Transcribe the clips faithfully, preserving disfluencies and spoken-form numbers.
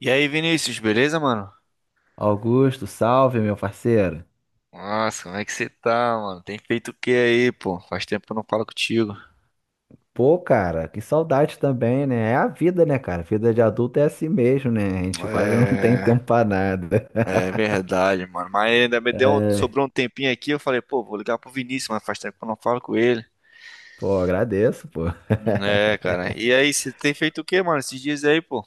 E aí, Vinícius, beleza, mano? Augusto, salve, meu parceiro. Nossa, como é que você tá, mano? Tem feito o que aí, pô? Faz tempo que eu não falo contigo. Pô, cara, que saudade também, né? É a vida, né, cara? Vida de adulto é assim mesmo, né? A gente quase não tem É, tempo pra nada. é verdade, mano. Mas ainda me deu, um, É, sobrou um tempinho aqui, eu falei, pô, vou ligar pro Vinícius, mas faz tempo que eu não falo com ele. pô, agradeço, pô. É, cara. E aí, você tem feito o que, mano, esses dias aí, pô?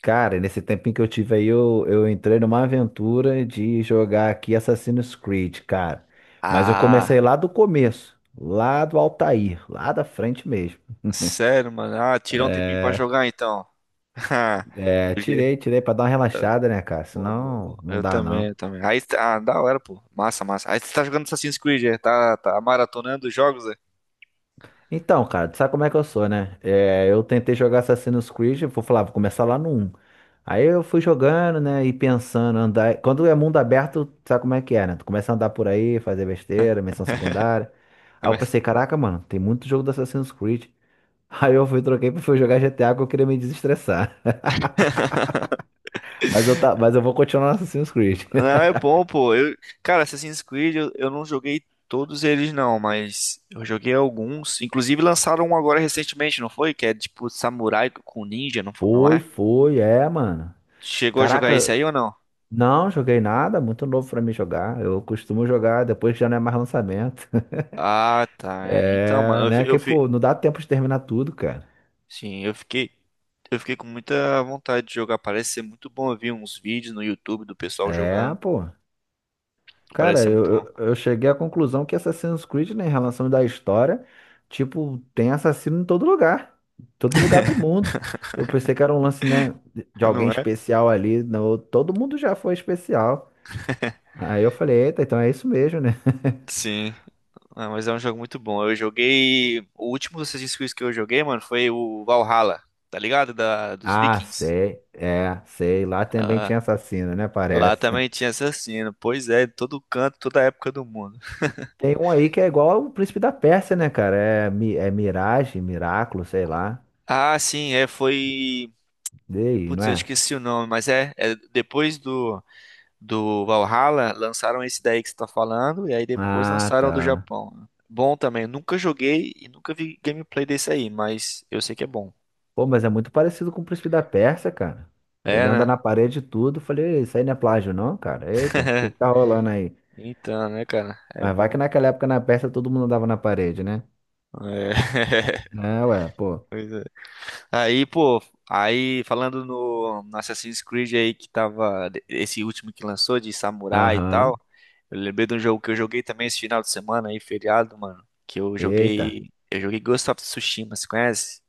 Cara, nesse tempinho que eu tive aí, eu, eu entrei numa aventura de jogar aqui Assassin's Creed, cara. Mas eu comecei Ah, lá do começo, lá do Altair, lá da frente mesmo. sério, mano? Ah, tirou um tempinho pra É, jogar, então. é, Do jeito. tirei, tirei pra dar uma tá- relaxada, né, cara? Boa, boa, boa. Senão, não Eu dá, também, não. eu também. Aí, tá- ah, da hora, pô. Massa, massa. Aí você tá jogando Assassin's Creed, é? Tá, tá maratonando os jogos, é? Então, cara, tu sabe como é que eu sou, né? É, eu tentei jogar Assassin's Creed, eu vou falar, vou começar lá no um. Aí eu fui jogando, né, e pensando, andar. Quando é mundo aberto, tu sabe como é que é, né? Tu começa a andar por aí, fazer besteira, missão secundária. Aí eu Mas- pensei, caraca, mano, tem muito jogo do Assassin's Creed. Aí eu fui, troquei pra fui jogar G T A porque eu queria me desestressar. Mas eu, tá, mas eu vou continuar no Assassin's Creed. Não, é bom, pô. Eu, cara, Assassin's Creed, eu, eu não joguei todos eles, não, mas eu joguei alguns. Inclusive lançaram um agora recentemente, não foi? Que é tipo samurai com ninja, não, fo- não Foi, é? foi, é, mano. Chegou a jogar esse Caraca, aí ou não? não joguei nada, muito novo pra mim jogar. Eu costumo jogar depois que já não é mais lançamento. Ah, tá. É. Então, mano, É, eu, fi- né? eu, Que, fi- pô, não dá tempo de terminar tudo, cara. sim, eu fiquei, eu fiquei com muita vontade de jogar. Parece ser muito bom. Eu vi uns vídeos no YouTube do pessoal É, jogando. pô. Parece Cara, ser muito eu, bom. eu, eu cheguei à conclusão que Assassin's Creed, né, em relação da história, tipo, tem assassino em todo lugar. Em todo lugar do mundo. Eu pensei que era um lance, né, de alguém Não é? especial ali. Não, todo mundo já foi especial. Aí eu falei, eita, então é isso mesmo, né? Sim. Ah, mas é um jogo muito bom. Eu joguei. O último dos Assassin's Creed que eu joguei, mano, foi o Valhalla, tá ligado? Da... Dos Ah, Vikings. sei, é, sei. Lá também Ah, tinha assassino, né? lá Parece. também tinha assassino. Pois é, em todo canto, toda época do mundo. Tem um aí que é igual o Príncipe da Pérsia, né, cara? É, Mi- é Mirage, Miraculo, sei lá. Ah, sim, é, foi. Daí, não Putz, eu é? esqueci o nome, mas é, é depois do, do Valhalla, lançaram esse daí que você tá falando, e aí depois Ah, lançaram o do tá. Japão. Bom também, nunca joguei e nunca vi gameplay desse aí, mas eu sei que é bom. Pô, mas é muito parecido com o príncipe da Pérsia, cara. Ele É, anda na né? parede e tudo. Falei, isso aí não é plágio, não, cara. Eita, o que que tá rolando aí? Então, né, cara? É Mas vai que bom. naquela época na Pérsia todo mundo andava na parede, né? É. É, ué, pô. Pois é. Aí, pô, aí falando no, no Assassin's Creed aí que tava, esse último que lançou de samurai e Aham. tal, eu lembrei de um jogo que eu joguei também esse final de semana aí, feriado, mano, que eu Eita. joguei, eu joguei Ghost of Tsushima, você conhece?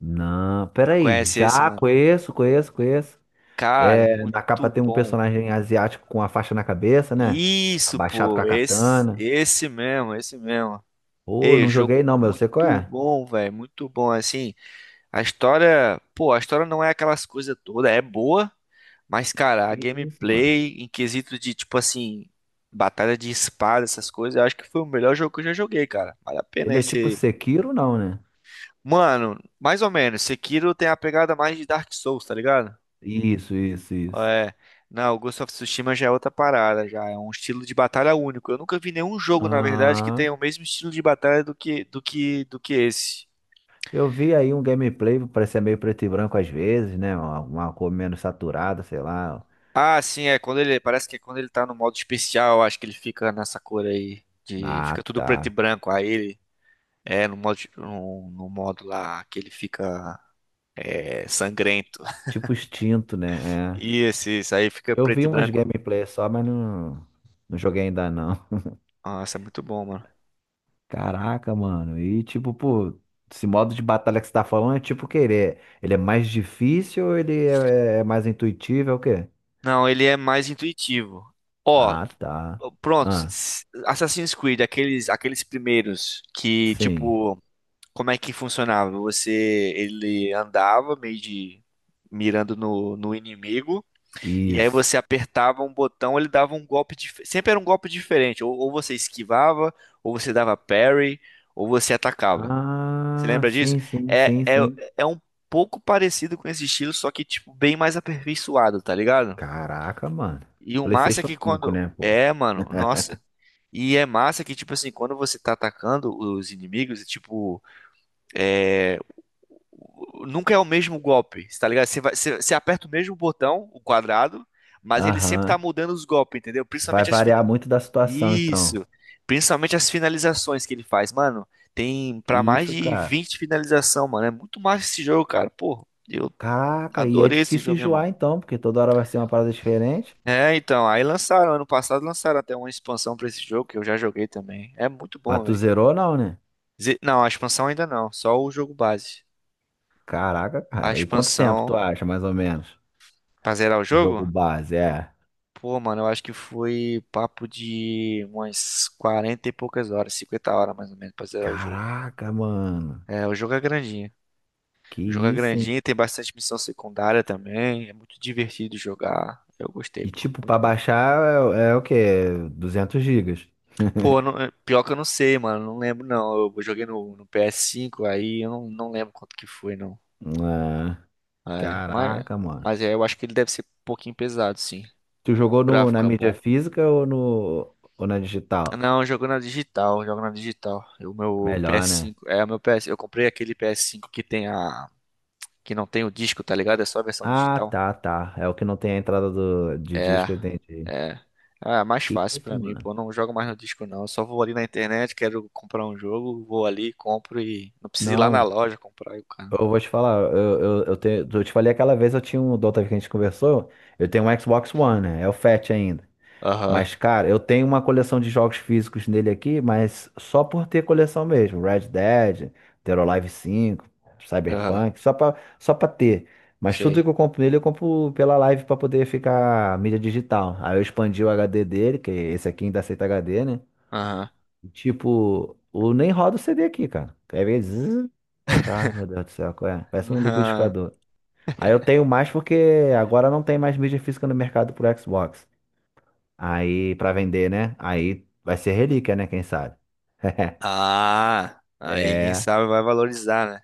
Não, Não peraí. conhece esse, Já mano? conheço, conheço, conheço. Cara, É, muito na capa tem um bom. personagem asiático com a faixa na cabeça, né? Isso, Abaixado com pô, a esse, katana. esse mesmo, esse mesmo. Pô, Ei, não jogo joguei não, mas eu sei qual muito é. bom, velho, muito bom, assim. A história, pô, a história não é aquelas coisas todas, é boa, mas, cara, Que a isso, mano. gameplay, em quesito de, tipo assim, batalha de espada, essas coisas, eu acho que foi o melhor jogo que eu já joguei, cara. Vale a pena Ele é tipo esse. Sekiro, não, né? Mano, mais ou menos, Sekiro tem a pegada mais de Dark Souls, tá ligado? Isso, isso, isso. É. Não, o Ghost of Tsushima já é outra parada, já é um estilo de batalha único. Eu nunca vi nenhum jogo, na verdade, que tenha Ah, o mesmo estilo de batalha do que do que do que esse. eu vi aí um gameplay, parecia meio preto e branco às vezes, né? Uma, uma cor menos saturada, sei lá. Ah, sim, é quando ele. Parece que é quando ele tá no modo especial, acho que ele fica nessa cor aí. De, fica Ah, tudo preto e tá. branco. Aí ele. É, no modo, no, no modo lá que ele fica é, sangrento. Tipo extinto, né? É. E esse, isso aí fica Eu preto vi e umas branco. gameplays só, mas não, não joguei ainda não. Nossa, é muito bom, mano. Caraca, mano. E tipo, pô, esse modo de batalha que você tá falando é tipo o quê? Ele é, ele é mais difícil ou ele é, é mais intuitivo? É o quê? Não, ele é mais intuitivo. Ó, Ah, tá. pronto. s- Ah, s- Assassin's Creed, aqueles, aqueles primeiros que, sim. tipo, como é que funcionava? Você, ele andava meio de mirando no, no inimigo. E aí Isso. você apertava um botão, ele dava um golpe diferente. Sempre era um golpe diferente. Ou, ou você esquivava, ou você dava parry, ou você atacava. Você Ah, lembra disso? sim, sim, É, sim, é, sim. é um pouco parecido com esse estilo, só que, tipo, bem mais aperfeiçoado, tá ligado? Caraca, mano. E o massa é PlayStation que cinco, quando. né, pô? É, mano, nossa. E é massa que, tipo assim, quando você tá atacando os inimigos, é tipo. Nunca é o mesmo golpe, tá ligado? Você, vai, você, você aperta o mesmo botão, o quadrado, mas ele sempre tá Aham. mudando os golpes, entendeu? Vai Principalmente as, fi- variar muito da situação, então. Isso. Principalmente as finalizações que ele faz, mano. Tem Que pra mais isso, de cara. vinte finalização, mano. É muito massa esse jogo, cara. Pô, eu Caraca, e é adorei esse difícil jogo, irmão. enjoar, então, porque toda hora vai ser uma parada diferente. É, então, aí lançaram, ano passado lançaram até uma expansão pra esse jogo que eu já joguei também. É muito bom, Mas tu velho. zerou, não, né? Ze- Não, a expansão ainda não, só o jogo base. Caraca, A cara. E quanto tempo tu expansão acha, mais ou menos? pra zerar o O jogo jogo? base, é. Pô, mano, eu acho que foi papo de umas quarenta e poucas horas, cinquenta horas mais ou menos pra zerar o jogo. Caraca, mano. É, o jogo é grandinho. Que O jogo é isso, hein? grandinho, tem bastante missão secundária também. É muito divertido jogar. Eu gostei, E, pô. tipo, pra Muito bom. baixar é, é o quê? Duzentos gigas. Pô, eu não- é, pior que eu não sei, mano. Não lembro, não. Eu joguei no, no P S cinco, aí eu não, não lembro quanto que foi, não. Ah, É, mas, caraca, mano. mas é, eu acho que ele deve ser um pouquinho pesado, sim. Tu jogou O no, na gráfico é mídia bom. física ou, no, ou na digital? Não, eu jogo na digital, eu jogo na digital. O É meu melhor, né? P S cinco, é o meu P S, eu comprei aquele P S cinco que tem a, que não tem o disco, tá ligado? É só a versão Ah, digital. tá, tá. É o que não tem a entrada do, de É, disco, eu entendi. é. Ah, é mais Que fácil isso, pra mim, mano? pô. Eu não jogo mais no disco, não. Eu só vou ali na internet, quero comprar um jogo, vou ali, compro e. Não preciso ir lá na Não, loja comprar aí o cara. eu vou te falar, eu, eu, eu, te, eu te falei aquela vez, eu tinha um, da outra vez que a gente conversou, eu tenho um Xbox One, né? É o Fat ainda. Aham, Mas, cara, eu tenho uma coleção de jogos físicos nele aqui, mas só por ter coleção mesmo. Red Dead, Dead or Alive cinco, aham, Cyberpunk, só pra, só pra ter. Mas tudo sei. que eu compro nele, eu compro pela Live pra poder ficar mídia digital. Aí eu expandi o H D dele, que esse aqui ainda aceita H D, né? Aham. Tipo, o nem roda o C D aqui, cara. Quer ver? Zzz, ah, meu Deus do céu, qual é? Parece um Aham. liquidificador. Aí eu tenho mais porque agora não tem mais mídia física no mercado pro Xbox. Aí, pra vender, né? Aí vai ser relíquia, né? Quem sabe? Ah, aí quem É, sabe vai valorizar, né?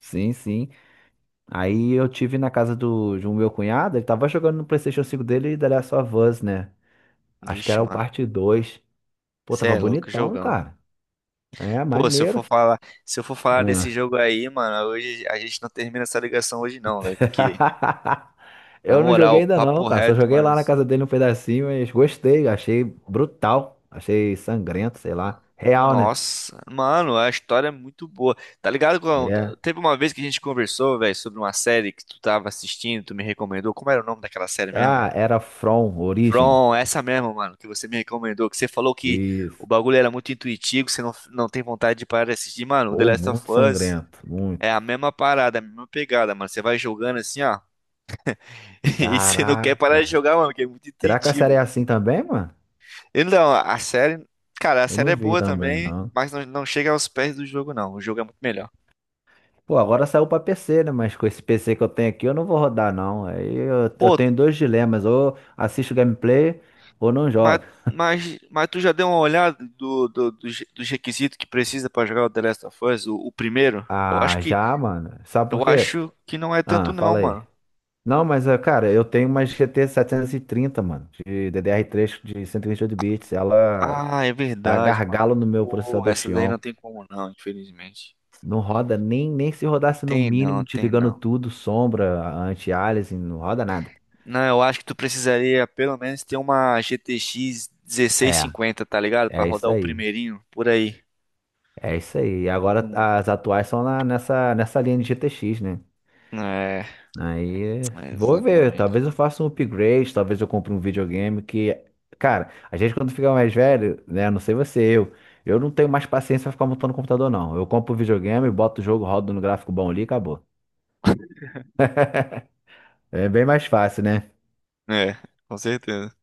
sim, sim. Aí eu tive na casa do, de um meu cunhado, ele tava jogando no PlayStation cinco dele e The Last of Us, né? Acho que Vixe, era o mano. parte dois. Pô, Você tava é louco, bonitão, jogão. cara. É, Pô, se eu for maneiro. falar, se eu for falar desse Ah. jogo aí, mano, hoje a gente não termina essa ligação hoje não, velho, porque na Eu não joguei moral, ainda não, papo cara. Só reto, joguei mano. lá na casa dele um pedacinho, mas gostei. Achei brutal. Achei sangrento, sei lá. Real, né? Nossa, mano, a história é muito boa. Tá ligado? com- É. Teve uma vez que a gente conversou, velho, sobre uma série que tu tava assistindo, tu me recomendou. Como era o nome daquela série mesmo? Ah, era From, Origem. From, essa mesmo, mano, que você me recomendou, que você falou que o Isso. bagulho era muito intuitivo, você não, não tem vontade de parar de assistir. Mano, o The Pô, Last of muito Us sangrento, é a muito. mesma parada, a mesma pegada, mano. Você vai jogando assim, ó, e você não quer parar de Caraca. jogar, mano, porque é muito Será que a série é intuitivo. assim também, mano? Então, a série, cara, a Eu série não é vi boa também, também, não. mas não, não chega aos pés do jogo, não. O jogo é muito melhor. Pô, agora saiu pra P C, né? Mas com esse P C que eu tenho aqui, eu não vou rodar, não. Aí eu, eu Pô, tenho dois dilemas. Ou assisto gameplay, ou não Mas, jogo. mas, mas tu já deu uma olhada do, do- dos dos requisitos que precisa pra jogar o The Last of Us, o, o primeiro? Eu acho Ah, que já, mano. Sabe eu por quê? acho que não é tanto Ah, não, fala aí. mano. Não, mas, eh, cara, eu tenho uma G T sete três zero, mano. De D D R três de cento e vinte e oito bits. Ela Ah, é dá verdade, mano. gargalo no meu Pô, processador essa daí Xeon. não tem como não, infelizmente. Não roda nem, nem se rodasse no Tem não, mínimo, tem desligando não. tudo, sombra, anti-aliasing, não roda nada. Não, eu acho que tu precisaria pelo menos ter uma G T X É, dezesseis cinquenta, tá ligado? Pra é isso rodar o aí. primeirinho por aí. É isso aí. E agora Não. as atuais são na- nessa, nessa linha de G T X, né? É, Aí é, vou ver. exatamente. Talvez eu faça um upgrade, talvez eu compre um videogame que. Cara, a gente quando fica mais velho, né? Não sei você, eu. Eu não tenho mais paciência pra ficar montando computador, não. Eu compro o videogame, boto o jogo, rodo no gráfico bom ali e acabou. É bem mais fácil, né? É, com certeza.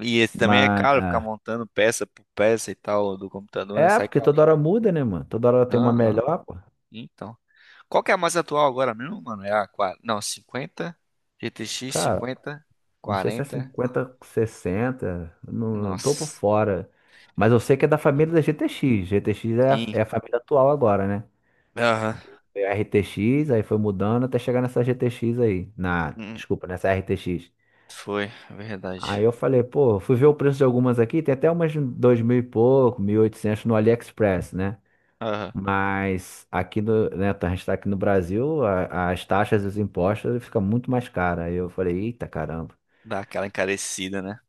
E esse também é Mas. caro, ficar Ah, montando peça por peça e tal do computador, né? é, Sai porque toda carinho. hora muda, né, mano? Toda hora tem uma Aham. melhor, pô. Então. Qual que é a mais atual agora mesmo, mano? É a quatro... Não, cinquenta, G T X Cara, cinquenta, não sei se é quarenta, cinquenta, sessenta, não tô por Nossa. fora. Mas eu sei que é da família da G T X. G T X é a, Sim. é a família atual agora, né? Aham. Foi a R T X, aí foi mudando até chegar nessa G T X aí. Na, Hum, desculpa, nessa R T X. foi, é verdade. Aí eu falei, pô, fui ver o preço de algumas aqui, tem até umas de dois mil e pouco, mil e oitocentos no AliExpress, né? Aham. Mas aqui no, né, a gente está aqui no Brasil, a- as taxas e os impostos ficam muito mais caras. Aí eu falei, eita caramba, Dá aquela encarecida, né?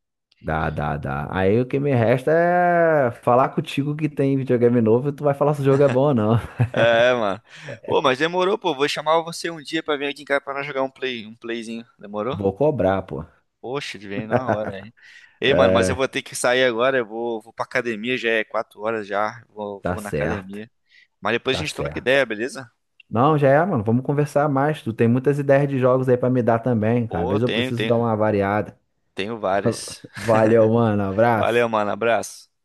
dá, dá, dá. Aí o que me resta é falar contigo que tem videogame novo e tu vai falar se o jogo é bom ou não. É, mano. Pô, mas demorou, pô. Vou chamar você um dia pra vir aqui em casa pra nós jogar um play, um playzinho. Demorou? Vou cobrar, pô. Poxa, ele veio na hora, hein? Ei, mano, mas eu É, vou ter que sair agora. Eu vou, vou pra academia, já é quatro horas já. Vou, tá vou na certo, academia. Mas depois a tá gente troca certo. ideia, beleza? Não, já é, mano, vamos conversar mais. Tu tem muitas ideias de jogos aí pra me dar também. Às Pô, vezes eu tenho, preciso tenho, dar uma variada. tenho várias. Valeu, mano, Valeu, abraço. mano. Abraço.